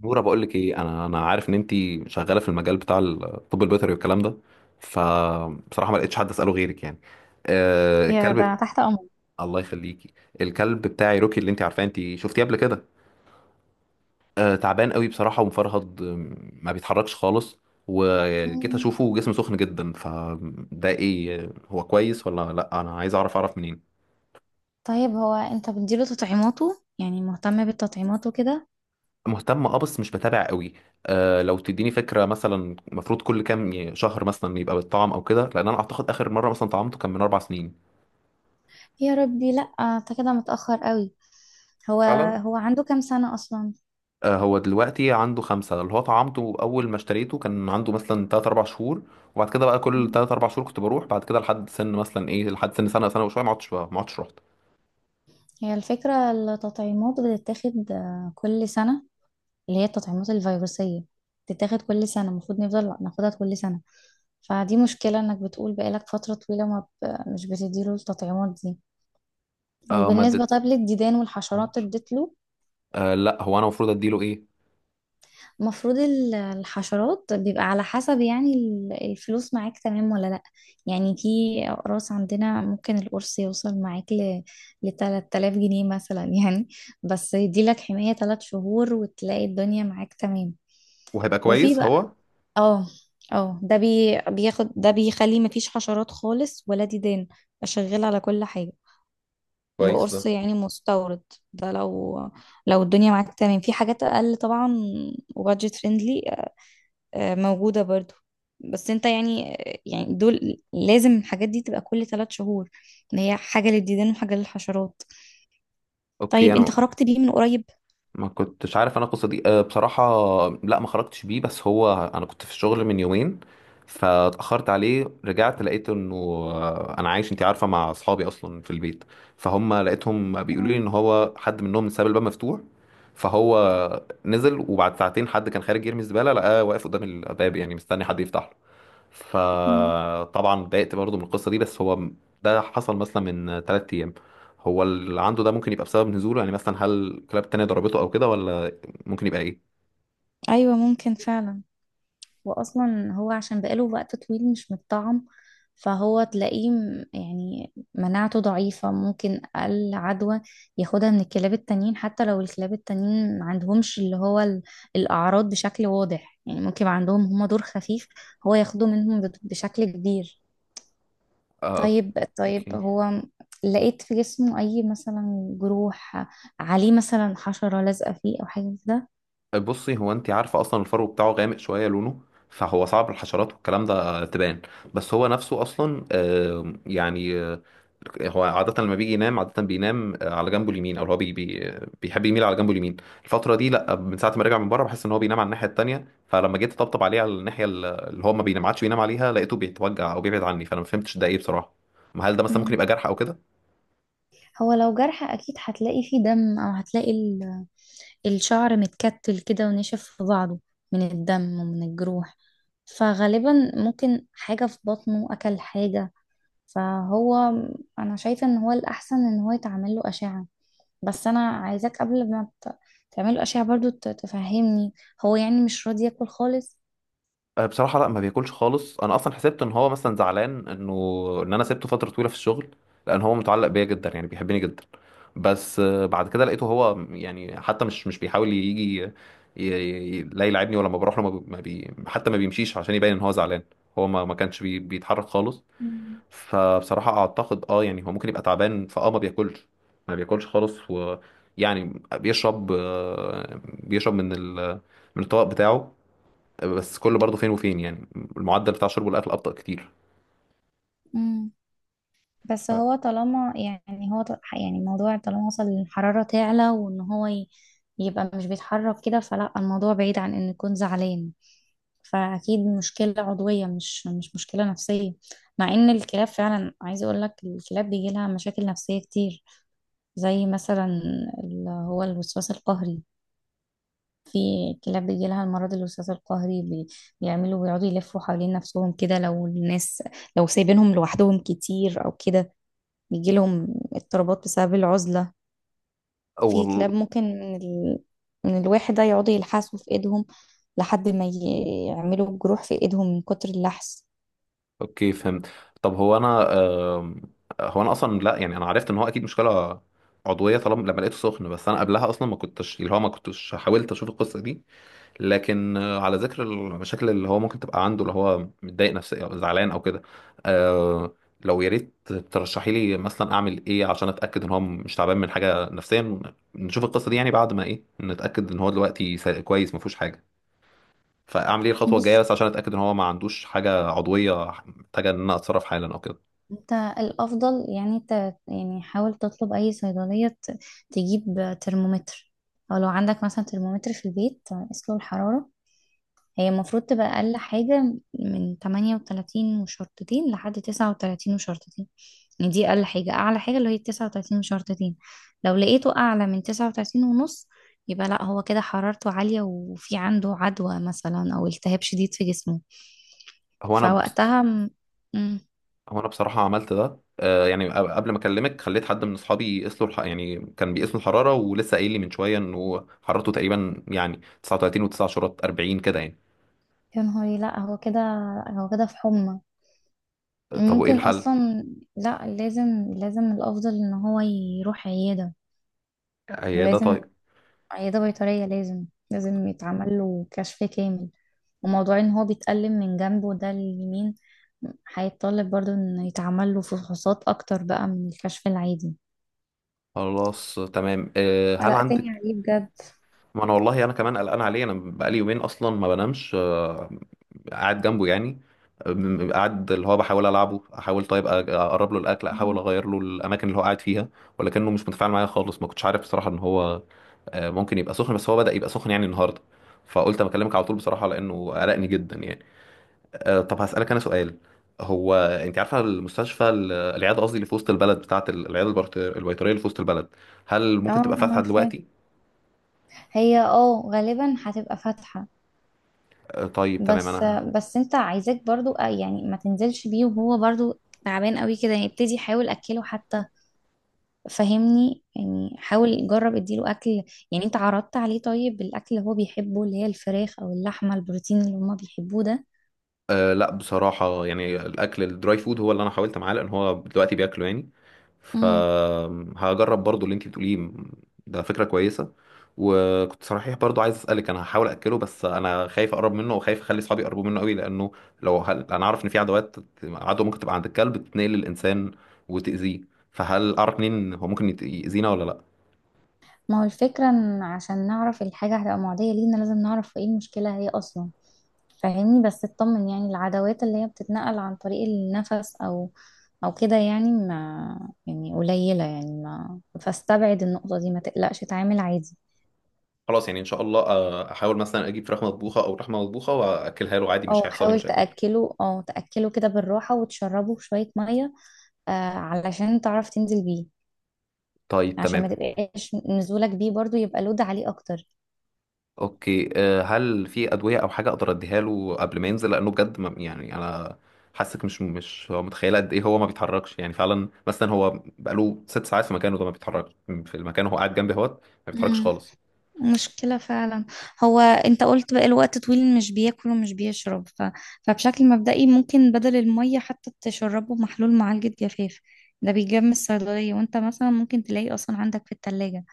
نورة، بقول لك ايه. انا عارف ان انت شغاله في المجال بتاع الطب البيطري والكلام ده. فبصراحه ما لقيتش حد اساله غيرك يعني. آه، يا ده الكلب. تحت امر. الله يخليكي. الكلب بتاعي روكي اللي انت عارفاه، انت شفتيه قبل كده. آه، تعبان قوي بصراحه ومفرهد، ما بيتحركش خالص. وجيت مم. اشوفه جسمه سخن جدا. فده ايه؟ هو كويس ولا لا؟ انا عايز اعرف. منين؟ طيب هو انت بتديله تطعيماته يعني مهتم بالتطعيمات وكده؟ مهتم اه، بس مش بتابع قوي. آه، لو تديني فكره مثلا المفروض كل كام شهر مثلا يبقى بالطعم او كده، لان انا اعتقد اخر مره مثلا طعمته كان من 4 سنين. يا ربي، لا انت كده متأخر قوي. هو فعلا. هو عنده كام سنة اصلا؟ آه، هو دلوقتي عنده 5. اللي هو طعمته اول ما اشتريته كان عنده مثلا 3 4 شهور، وبعد كده بقى كل مم. 3 4 شهور كنت بروح. بعد كده لحد سن مثلا ايه، لحد سن سنه سنه وشويه ما عدتش رحت. هي الفكرة، التطعيمات بتتاخد كل سنة، اللي هي التطعيمات الفيروسية، بتتاخد كل سنة، المفروض نفضل ناخدها كل سنة. فدي مشكلة انك بتقول بقالك فترة طويلة ما ب... مش بتديله التطعيمات دي. آه، وبالنسبة ماده. طيب للديدان والحشرات اديت له؟ آه لا، هو انا المفروض اديله ايه؟ المفروض الحشرات بيبقى على حسب، يعني الفلوس معاك تمام ولا لأ؟ يعني في أقراص عندنا، ممكن القرص يوصل معاك لتلات آلاف جنيه مثلا يعني بس يديلك حماية 3 شهور، وتلاقي الدنيا معاك تمام. وهيبقى وفي كويس بقى، هو؟ اه اه ده بي بياخد ده بيخلي مفيش حشرات خالص ولا ديدان، شغال على كل حاجة. كويس وقرص ده. يعني مستورد، ده لو الدنيا معاك تمام في حاجات أقل طبعا، وبادجت فريندلي، موجودة برضو. بس انت يعني، دول لازم الحاجات دي تبقى كل 3 شهور، ان هي حاجة للديدان وحاجة للحشرات. اوكي طيب انت انا. خرجت بيه من قريب؟ ما كنتش عارف انا القصه دي آه، بصراحه. لا، ما خرجتش بيه، بس هو انا كنت في الشغل من يومين، فاتاخرت عليه. رجعت لقيت انه آه، انا عايش انت عارفه مع اصحابي اصلا في البيت. فهم لقيتهم بيقولوا لي مم. ان هو حد منهم ساب الباب مفتوح. فهو نزل، وبعد ساعتين حد كان خارج يرمي الزباله لقاه واقف قدام الباب يعني مستني حد يفتحه. مم. فطبعا اتضايقت برضه من القصه دي بس هو. ده حصل مثلا من 3 ايام. هو اللي عنده ده ممكن يبقى بسبب نزوله؟ يعني مثلا هل كلاب تانية ضربته او كده، ولا ممكن يبقى ايه؟ ايوه ممكن فعلا، واصلا هو عشان بقاله وقت طويل مش متطعم، فهو تلاقيه يعني مناعته ضعيفة، ممكن أقل عدوى ياخدها من الكلاب التانيين، حتى لو الكلاب التانيين ما عندهمش اللي هو الأعراض بشكل واضح، يعني ممكن يبقى عندهم هما دور خفيف، هو ياخده منهم بشكل كبير. آه، طيب طيب اوكي. هو، لقيت في جسمه أي مثلا جروح، عليه مثلا حشرة لازقة فيه أو حاجة كده؟ بصي، هو انت عارفه اصلا الفرو بتاعه غامق شويه لونه، فهو صعب الحشرات والكلام ده تبان. بس هو نفسه اصلا آه، يعني هو عادة لما بيجي ينام، عادة بينام آه، على جنبه اليمين، او هو بي بي بيحب يميل على جنبه اليمين. الفترة دي لا، من ساعة ما رجع من بره بحس ان هو بينام على الناحية التانية. فلما جيت اطبطب عليه على اللي هو ما بينام عادش بينام عليها لقيته بيتوجع او بيبعد عني. فانا ما فهمتش ده ايه بصراحة. ما هل ده مثلا ممكن مم. يبقى جرح او كده؟ هو لو جرح أكيد هتلاقي فيه دم، أو هتلاقي الشعر متكتل كده ونشف في بعضه من الدم ومن الجروح، فغالبا ممكن حاجة في بطنه، أكل حاجة، فهو أنا شايفة إن هو الأحسن إن هو يتعمل له أشعة. بس أنا عايزاك قبل ما تعمل له أشعة برضو تفهمني، هو يعني مش راضي ياكل خالص؟ أه، بصراحة لا، ما بياكلش خالص. انا اصلا حسبت ان هو مثلا زعلان انه ان انا سبته فترة طويلة في الشغل، لان هو متعلق بيا جدا يعني بيحبني جدا. بس آه، بعد كده لقيته هو يعني حتى مش بيحاول يجي. ي- لا يلعبني. ولما بروح له ما بي ما بي- حتى ما بيمشيش عشان يبين ان هو زعلان. هو ما كانش بيتحرك خالص. مم. فبصراحة اعتقد اه، يعني هو ممكن يبقى تعبان فاه ما بياكلش ما بياكلش خالص. ويعني بيشرب آه، بيشرب من الطبق بتاعه. بس كله برضه فين وفين يعني. المعدل بتاع شرب الأكل أبطأ كتير. مم. بس آه. هو طالما يعني هو يعني الموضوع طالما وصل للحرارة تعلى، وإن هو يبقى مش بيتحرك كده، فلا الموضوع بعيد عن إنه يكون زعلان، فأكيد مشكلة عضوية، مش مشكلة نفسية. مع إن الكلاب فعلا عايزة أقول لك، الكلاب بيجي لها مشاكل نفسية كتير، زي مثلا اللي هو الوسواس القهري. في كلاب بيجي لها المرض الوسواس القهري، بيقعدوا يلفوا حوالين نفسهم كده، لو سايبينهم لوحدهم كتير أو كده، بيجي لهم اضطرابات بسبب العزلة. في كلاب أول ممكن من الواحد ده يقعدوا يلحسوا في ايدهم لحد ما يعملوا جروح في ايدهم من كتر اللحس. أوكي، فهمت. طب هو أنا آم، هو أنا أصلا لا، يعني أنا عرفت إن هو أكيد مشكلة عضوية طالما لما لقيته سخن. بس أنا قبلها أصلا ما كنتش اللي هو ما كنتش حاولت أشوف القصة دي. لكن آه، على ذكر المشاكل اللي هو ممكن تبقى عنده، اللي هو متضايق نفسيا أو زعلان أو كده، آه، لو يا ريت ترشحي لي مثلا أعمل إيه عشان أتأكد إن هو مش تعبان من حاجة نفسيا. نشوف القصة دي يعني بعد ما إيه، نتأكد إن هو دلوقتي كويس ما فيهوش حاجة. فاعمل ايه الخطوه الجايه بص، بس عشان اتاكد ان هو ما عندوش حاجه عضويه؟ محتاجه ان انا اتصرف حالا او كده؟ انت الافضل يعني، يعني حاول تطلب اي صيدليه، تجيب ترمومتر، او لو عندك مثلا ترمومتر في البيت قيس له الحراره. هي المفروض تبقى اقل حاجه من 38 وشرطتين لحد 39 وشرطتين، يعني دي اقل حاجه، اعلى حاجه اللي هي 39 وشرطتين. لو لقيته اعلى من 39 ونص، يبقى لا، هو كده حرارته عاليه وفي عنده عدوى مثلا او التهاب شديد في جسمه، هو انا بس. فوقتها م... هو انا بصراحه عملت ده آه، يعني قبل ما اكلمك خليت حد من اصحابي يقيس له يعني كان بيقيس له الحراره. ولسه قايل لي من شويه انه حرارته تقريبا يعني 39 و9 شرات 40 كده يعني. يا نهاري، لا هو كده في حمى. آه، طب وايه ممكن الحل؟ اصلا لا، لازم، لازم الافضل ان هو يروح عياده، عياده لازم، طيب. عياده بيطريه، لازم، لازم يتعمل له كشف كامل، وموضوع ان هو بيتألم من جنبه ده اليمين هيتطلب برضو ان يتعمل له فحوصات اكتر بقى من الكشف العادي. خلاص تمام آه، هل عندك؟ قلقتني عليه بجد. ما انا والله انا كمان قلقان عليه. انا بقالي يومين اصلا ما بنامش آه، قاعد جنبه يعني. قاعد اللي هو بحاول العبه، احاول طيب اقرب له الاكل، احاول مم. اغير له الاماكن اللي هو قاعد فيها، ولكنه مش متفاعل معايا خالص. ما كنتش عارف بصراحه ان هو آه، ممكن يبقى سخن. بس هو بدأ يبقى سخن يعني النهارده، فقلت اما اكلمك على طول بصراحه لانه قلقني جدا يعني. آه، طب هسألك انا سؤال. هو انت عارفه المستشفى العياده قصدي اللي في وسط البلد، بتاعه العياده البيطريه اللي في وسط البلد، هل اه، ممكن تبقى انا فاتحه عارفاه، دلوقتي؟ هي غالبا هتبقى فاتحة. آه، طيب تمام بس انا. بس انت عايزاك برضو، يعني ما تنزلش بيه وهو برضو تعبان قوي كده، يعني ابتدي حاول اكله حتى، فهمني، يعني حاول جرب اديله اكل، يعني انت عرضت عليه طيب الاكل اللي هو بيحبه، اللي هي الفراخ او اللحمه، البروتين اللي هما بيحبوه؟ أه لا بصراحة، يعني الأكل الدراي فود هو اللي أنا حاولت معاه لأن هو دلوقتي بياكله يعني. ده، فهجرب برضو اللي أنت بتقوليه. ده فكرة كويسة. وكنت صحيح برضو عايز أسألك، أنا هحاول أكله بس أنا خايف أقرب منه وخايف أخلي أصحابي يقربوا منه قوي. لأنه لو أنا عارف إن في عدوات، عدوى ممكن تبقى عند الكلب تتنقل للإنسان وتأذيه. فهل أعرف منين هو ممكن يأذينا ولا لأ؟ ما هو الفكرة ان عشان نعرف الحاجة هتبقى معدية لينا لازم نعرف ايه المشكلة هي اصلا، فاهمني، بس اطمن، يعني العدوات اللي هي بتتنقل عن طريق النفس او كده يعني، ما يعني قليلة، يعني ما فاستبعد النقطة دي، ما تقلقش، اتعامل عادي. خلاص، يعني إن شاء الله آه، أحاول مثلا أجيب فراخ مطبوخة أو لحمة مطبوخة وأكلها له عادي، مش او هيحصل لي حاول مشاكل؟ تأكله او تأكله كده بالراحة، وتشربه شوية مية، علشان تعرف تنزل بيه، طيب عشان ما تمام. تبقاش نزولك بيه برضو يبقى لود عليه اكتر. اوكي آه، هل في ادويه او حاجه اقدر اديها له قبل ما ينزل؟ لانه بجد يعني انا حاسك مش هو متخيله قد ايه هو ما بيتحركش. يعني فعلا مثلا هو بقاله 6 ساعات في مكانه ده ما بيتحركش. في المكان هو قاعد جنبي اهوت، ما بيتحركش خالص. مشكلة فعلا، هو انت قلت بقى الوقت طويل مش بياكل ومش بيشرب، فبشكل مبدئي ممكن بدل المية حتى تشربه محلول معالجة جفاف، ده بيجاب من الصيدلية، وانت مثلا ممكن تلاقيه اصلا عندك في التلاجة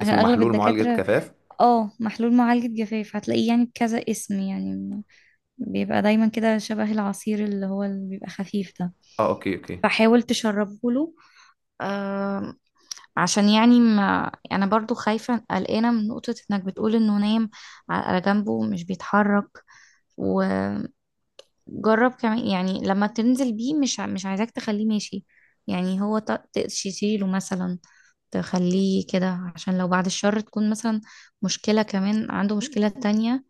عشان اسمه اغلب محلول معالجه الدكاترة، كفاف؟ اه محلول معالجة جفاف هتلاقيه يعني بكذا اسم، يعني بيبقى دايما كده شبه العصير، اللي هو اللي بيبقى خفيف ده، اه اوكي اوكي. فحاول تشربه له. آه، عشان يعني ما انا برضو خايفة قلقانة من نقطة انك بتقول انه نايم على جنبه مش بيتحرك، وجرب كمان يعني لما تنزل بيه، مش عايزاك تخليه ماشي، يعني هو تشيله مثلا، تخليه كده عشان لو بعد الشر تكون مثلا مشكلة كمان، عنده مشكلة تانية،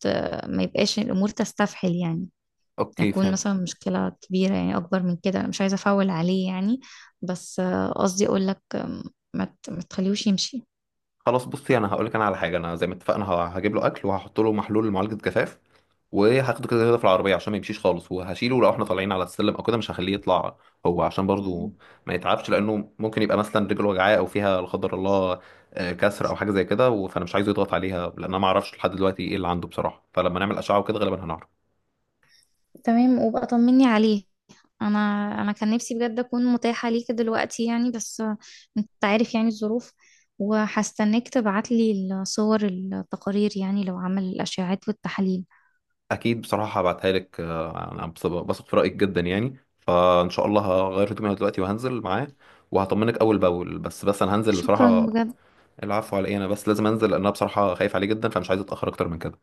ت- ما يبقاش الامور تستفحل يعني، اوكي يكون فهمت. مثلا مشكلة كبيرة يعني اكبر من كده، انا مش عايزة افول عليه يعني، بس قصدي اقول لك، ما تخليهوش يمشي. خلاص، بصي انا هقول لك انا على حاجه. انا زي ما اتفقنا هجيب له اكل وهحط له محلول معالجه جفاف، وهاخده كده كده في العربيه عشان ما يمشيش خالص. وهشيله لو احنا طالعين على السلم او كده، مش هخليه يطلع هو عشان برضو ما يتعبش، لانه ممكن يبقى مثلا رجله وجعاه او فيها لا قدر الله آه، كسر او حاجه زي كده فانا مش عايزه يضغط عليها. لان انا ما اعرفش لحد دلوقتي ايه اللي عنده بصراحه، فلما نعمل اشعه وكده غالبا هنعرف. تمام، وبقى طمني عليه. انا انا كان نفسي بجد اكون متاحة ليك دلوقتي يعني، بس، انت عارف يعني الظروف، وهستناك تبعتلي الصور، التقارير يعني لو عمل الاشعاعات والتحاليل. اكيد بصراحه هبعتها لك آه، انا بثق في رايك جدا يعني. فان شاء الله هغير هدومي أنا دلوقتي وهنزل معاه وهطمنك اول باول. بس انا هنزل شكرا بصراحه. بجد. العفو على ايه، انا بس لازم انزل لان انا بصراحة خايف عليه جدا فمش عايز اتأخر اكتر من كده.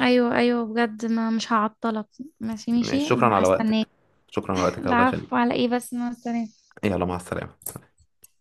ايوه، ايوه بجد، ما مش هعطلك، ماشي، ماشي، ماشي شكرا على هستناك. وقتك. شكرا على وقتك، الله يخليك. العفو على ايه، بس مع السلامة. يلا مع السلامة.